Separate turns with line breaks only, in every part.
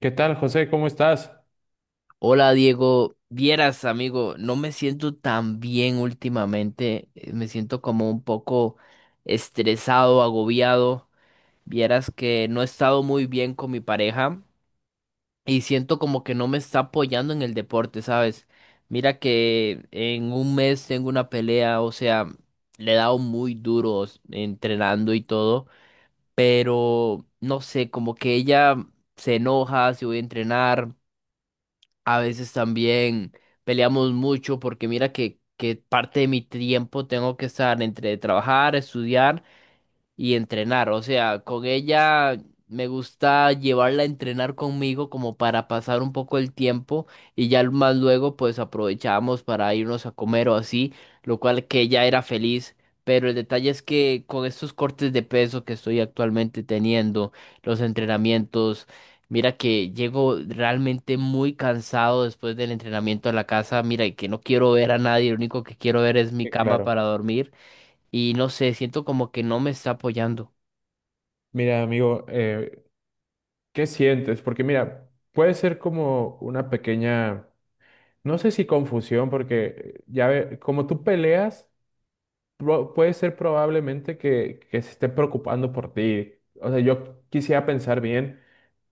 ¿Qué tal, José? ¿Cómo estás?
Hola Diego, vieras amigo, no me siento tan bien últimamente, me siento como un poco estresado, agobiado, vieras que no he estado muy bien con mi pareja y siento como que no me está apoyando en el deporte, ¿sabes? Mira que en un mes tengo una pelea, o sea, le he dado muy duro entrenando y todo, pero no sé, como que ella se enoja si voy a entrenar. A veces también peleamos mucho porque mira que parte de mi tiempo tengo que estar entre trabajar, estudiar y entrenar. O sea, con ella me gusta llevarla a entrenar conmigo como para pasar un poco el tiempo y ya más luego pues aprovechábamos para irnos a comer o así, lo cual que ella era feliz. Pero el detalle es que con estos cortes de peso que estoy actualmente teniendo, los entrenamientos, mira que llego realmente muy cansado después del entrenamiento a la casa, mira y que no quiero ver a nadie, lo único que quiero ver es mi
Sí,
cama
claro.
para dormir y no sé, siento como que no me está apoyando.
Mira, amigo, ¿qué sientes? Porque mira, puede ser como una pequeña, no sé si confusión, porque como tú peleas, puede ser probablemente que se esté preocupando por ti. O sea, yo quisiera pensar bien,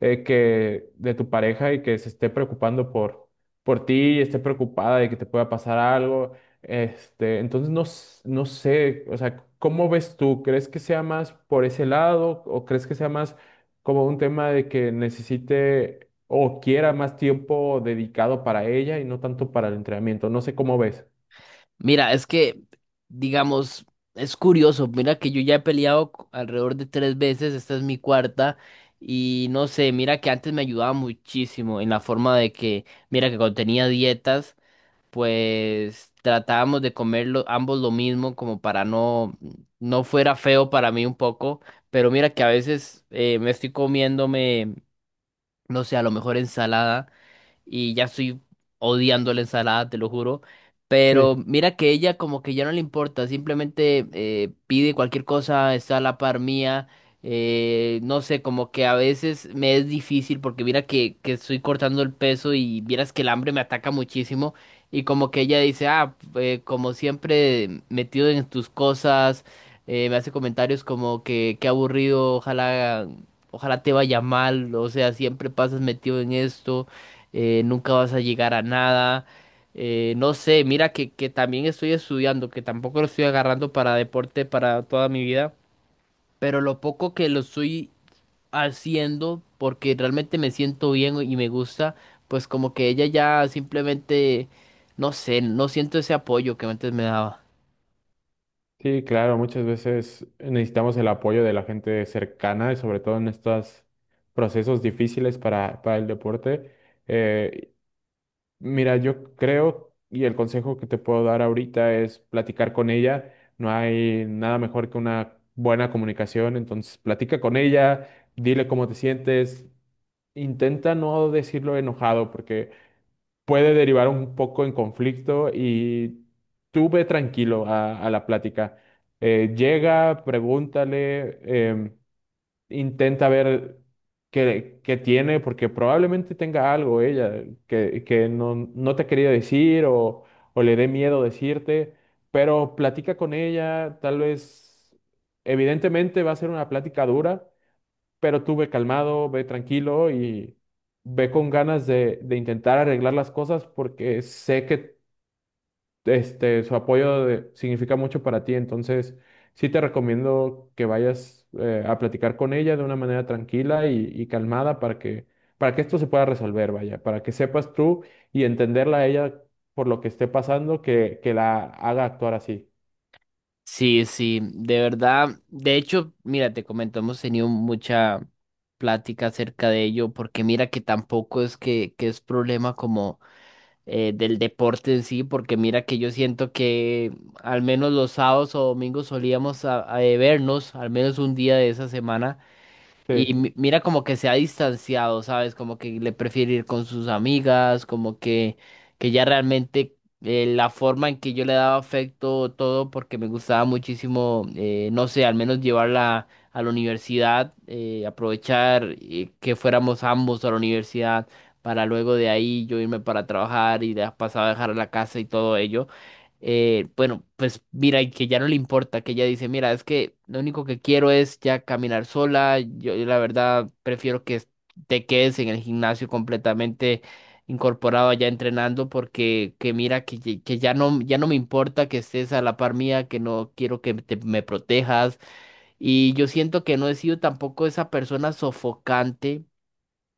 que de tu pareja y que se esté preocupando por ti y esté preocupada de que te pueda pasar algo. Este, entonces no, no sé, o sea, ¿cómo ves tú? ¿Crees que sea más por ese lado o crees que sea más como un tema de que necesite o quiera más tiempo dedicado para ella y no tanto para el entrenamiento? No sé cómo ves.
Mira, es que, digamos, es curioso, mira que yo ya he peleado alrededor de tres veces, esta es mi cuarta, y no sé, mira que antes me ayudaba muchísimo en la forma de que, mira que cuando tenía dietas, pues tratábamos de comer ambos lo mismo como para no, no fuera feo para mí un poco, pero mira que a veces me estoy comiéndome, no sé, a lo mejor ensalada. Y ya estoy odiando la ensalada, te lo juro.
Sí.
Pero mira que ella como que ya no le importa, simplemente pide cualquier cosa, está a la par mía. No sé, como que a veces me es difícil porque mira que estoy cortando el peso y vieras que el hambre me ataca muchísimo y como que ella dice, ah, como siempre metido en tus cosas, me hace comentarios como que qué aburrido, ojalá, ojalá te vaya mal, o sea, siempre pasas metido en esto, nunca vas a llegar a nada. No sé, mira que también estoy estudiando, que tampoco lo estoy agarrando para deporte para toda mi vida, pero lo poco que lo estoy haciendo, porque realmente me siento bien y me gusta, pues como que ella ya simplemente, no sé, no siento ese apoyo que antes me daba.
Sí, claro, muchas veces necesitamos el apoyo de la gente cercana y sobre todo en estos procesos difíciles para el deporte. Eh, mira, yo creo y el consejo que te puedo dar ahorita es platicar con ella. No hay nada mejor que una buena comunicación, entonces platica con ella, dile cómo te sientes, intenta no decirlo enojado porque puede derivar un poco en conflicto y tú ve tranquilo a la plática. Llega, pregúntale, em, intenta ver qué tiene, porque probablemente tenga algo ella que no, no te ha querido decir o le dé miedo decirte, pero platica con ella, tal vez, evidentemente va a ser una plática dura, pero tú ve calmado, ve tranquilo y ve con ganas de intentar arreglar las cosas porque sé que este, significa mucho para ti. Entonces, sí te recomiendo que vayas a platicar con ella de una manera tranquila y calmada para para que esto se pueda resolver, vaya, para que sepas tú y entenderla a ella por lo que esté pasando, que la haga actuar así.
Sí, sí, de verdad. De hecho, mira, te comento, hemos tenido mucha plática acerca de ello, porque mira que tampoco es que es problema como del deporte en sí, porque mira que yo siento que al menos los sábados o domingos solíamos a vernos, al menos un día de esa semana
Sí.
y mira como que se ha distanciado, ¿sabes? Como que le prefiere ir con sus amigas, como que ya realmente la forma en que yo le daba afecto, todo, porque me gustaba muchísimo, no sé, al menos llevarla a la universidad, aprovechar que fuéramos ambos a la universidad para luego de ahí yo irme para trabajar y de pasado a dejar la casa y todo ello, bueno, pues mira, y que ya no le importa, que ella dice, mira, es que lo único que quiero es ya caminar sola, yo, la verdad prefiero que te quedes en el gimnasio completamente incorporado allá entrenando porque que mira que, ye- que ya no ya no me importa que estés a la par mía, que no quiero que me protejas y yo siento que no he sido tampoco esa persona sofocante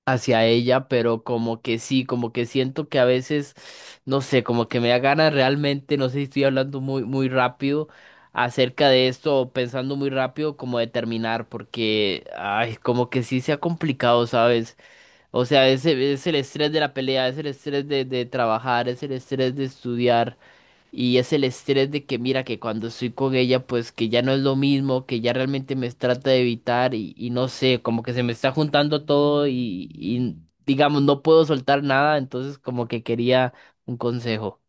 hacia ella, pero como que sí, como que siento que a veces, no sé, como que me da ganas realmente, no sé si estoy hablando muy, muy rápido acerca de esto o pensando muy rápido como de terminar, porque, ay, como que sí se ha complicado, ¿sabes? O sea, es, es el estrés de la pelea, es el estrés de trabajar, es el estrés de estudiar. Y es el estrés de que mira que cuando estoy con ella, pues que ya no es lo mismo, que ya realmente me trata de evitar y no sé, como que se me está juntando todo y digamos, no puedo soltar nada, entonces como que quería un consejo.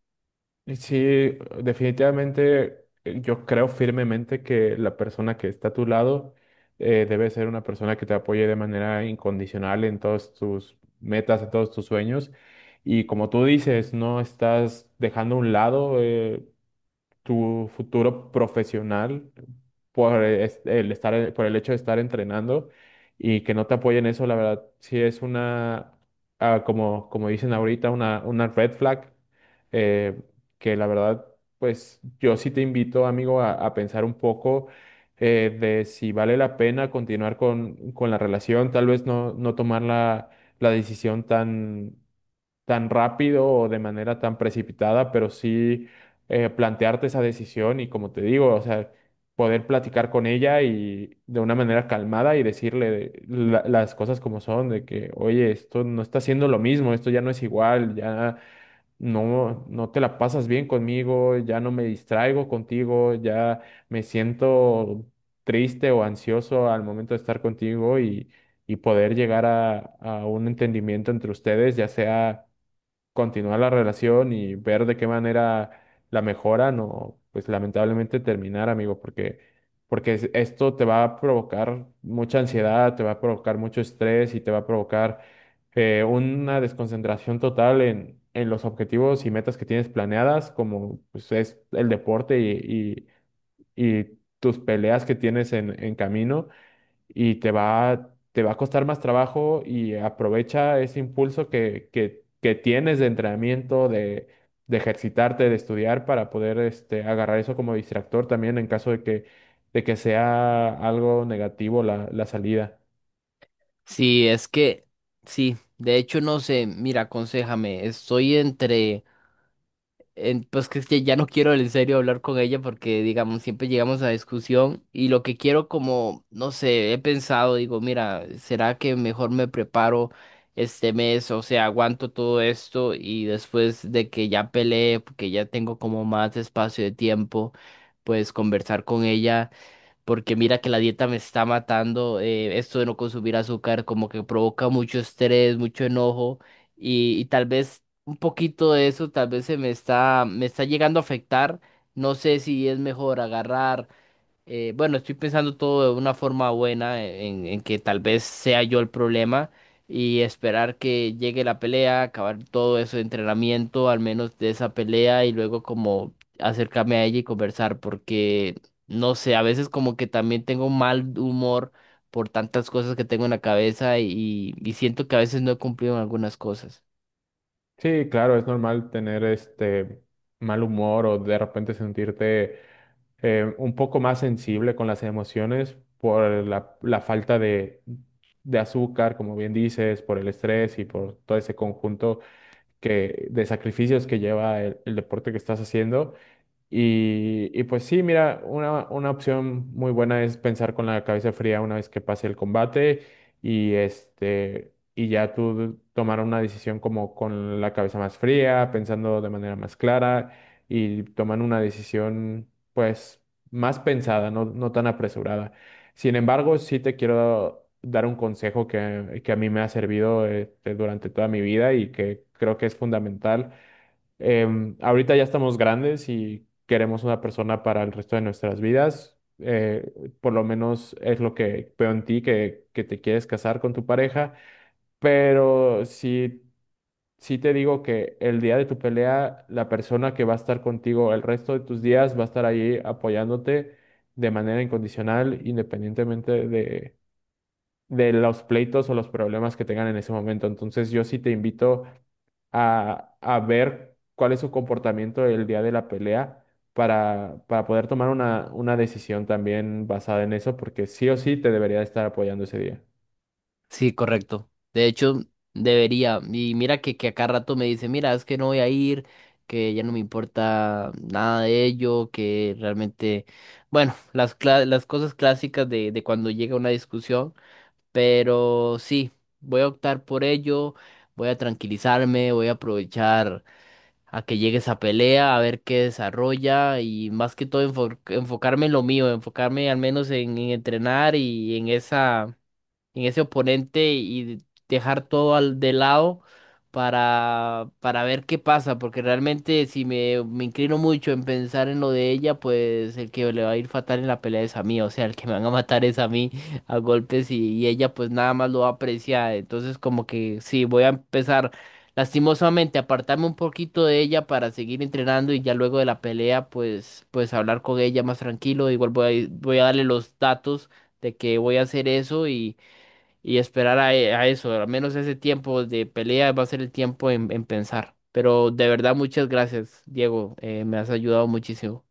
Sí, definitivamente yo creo firmemente que la persona que está a tu lado, debe ser una persona que te apoye de manera incondicional en todas tus metas, en todos tus sueños. Y como tú dices, no estás dejando a un lado tu futuro profesional por el estar, por el hecho de estar entrenando y que no te apoyen eso, la verdad, sí es una, ah, como, como dicen ahorita, una red flag. eh, que la verdad, pues yo sí te invito, amigo, a pensar un poco de si vale la pena continuar con la relación, tal vez no, no tomar la decisión tan tan rápido o de manera tan precipitada, pero sí plantearte esa decisión y como te digo, o sea, poder platicar con ella y de una manera calmada y decirle las cosas como son, de que, oye, esto no está siendo lo mismo, esto ya no es igual, ya no, no te la pasas bien conmigo, ya no me distraigo contigo, ya me siento triste o ansioso al momento de estar contigo y poder llegar a un entendimiento entre ustedes, ya sea continuar la relación y ver de qué manera la mejoran o pues lamentablemente terminar, amigo, porque esto te va a provocar mucha ansiedad, te va a provocar mucho estrés y te va a provocar una desconcentración total en los objetivos y metas que tienes planeadas, como pues es el deporte y tus peleas que tienes en camino y te va a costar más trabajo y aprovecha ese impulso que tienes de entrenamiento, de ejercitarte, de estudiar para poder este, agarrar eso como distractor también en caso de que sea algo negativo la salida.
Sí, es que, sí, de hecho no sé, mira, aconséjame, estoy entre... pues que es que ya no quiero en serio hablar con ella porque, digamos, siempre llegamos a discusión y lo que quiero como, no sé, he pensado, digo, mira, ¿será que mejor me preparo este mes? O sea, aguanto todo esto y después de que ya peleé, porque ya tengo como más espacio de tiempo, pues conversar con ella porque mira que la dieta me está matando, esto de no consumir azúcar como que provoca mucho estrés, mucho enojo y tal vez un poquito de eso tal vez me está llegando a afectar. No sé si es mejor agarrar bueno, estoy pensando todo de una forma buena, en que tal vez sea yo el problema y esperar que llegue la pelea, acabar todo ese entrenamiento, al menos de esa pelea, y luego como acercarme a ella y conversar, porque no sé, a veces como que también tengo mal humor por tantas cosas que tengo en la cabeza y siento que a veces no he cumplido en algunas cosas.
Sí, claro, es normal tener este mal humor o de repente sentirte un poco más sensible con las emociones por la falta de azúcar, como bien dices, por el estrés y por todo ese conjunto de sacrificios que lleva el deporte que estás haciendo. Y pues sí, mira, una opción muy buena es pensar con la cabeza fría una vez que pase el combate y este y ya tú tomar una decisión como con la cabeza más fría, pensando de manera más clara y tomar una decisión pues más pensada, no, no tan apresurada. Sin embargo, sí te quiero dar un consejo que a mí me ha servido este, durante toda mi vida y que creo que es fundamental. Em, ahorita ya estamos grandes y queremos una persona para el resto de nuestras vidas. Por lo menos es lo que veo en ti, que te quieres casar con tu pareja. Pero sí, sí te digo que el día de tu pelea, la persona que va a estar contigo el resto de tus días va a estar ahí apoyándote de manera incondicional, independientemente de los pleitos o los problemas que tengan en ese momento. Entonces yo sí te invito a ver cuál es su comportamiento el día de la pelea para poder tomar una decisión también basada en eso, porque sí o sí te debería estar apoyando ese día.
Sí, correcto. De hecho, debería. Y mira que a cada rato me dice, mira, es que no voy a ir, que ya no me importa nada de ello, que realmente, bueno, las, las cosas clásicas de cuando llega una discusión, pero sí, voy a optar por ello, voy a tranquilizarme, voy a aprovechar a que llegue esa pelea, a ver qué desarrolla y más que todo enfocarme en lo mío, enfocarme al menos en entrenar y en esa en ese oponente y dejar todo al de lado para ver qué pasa, porque realmente si me inclino mucho en pensar en lo de ella, pues el que le va a ir fatal en la pelea es a mí, o sea, el que me van a matar es a mí a golpes y ella pues nada más lo va a apreciar, entonces como que sí, voy a empezar lastimosamente a apartarme un poquito de ella para seguir entrenando y ya luego de la pelea pues hablar con ella más tranquilo, igual voy a darle los datos de que voy a hacer eso y esperar a, e, a eso. Al menos ese tiempo de pelea va a ser el tiempo en pensar. Pero de verdad, muchas gracias, Diego. Me has ayudado muchísimo.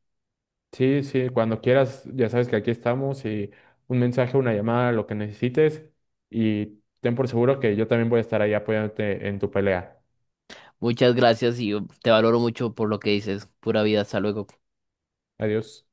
Sí, sí, cuando quieras, ya sabes que aquí estamos y un mensaje, una llamada, lo que necesites y ten por seguro que yo también voy a estar ahí apoyándote en tu pelea.
Muchas gracias y yo te valoro mucho por lo que dices. Pura vida, hasta luego.
Adiós.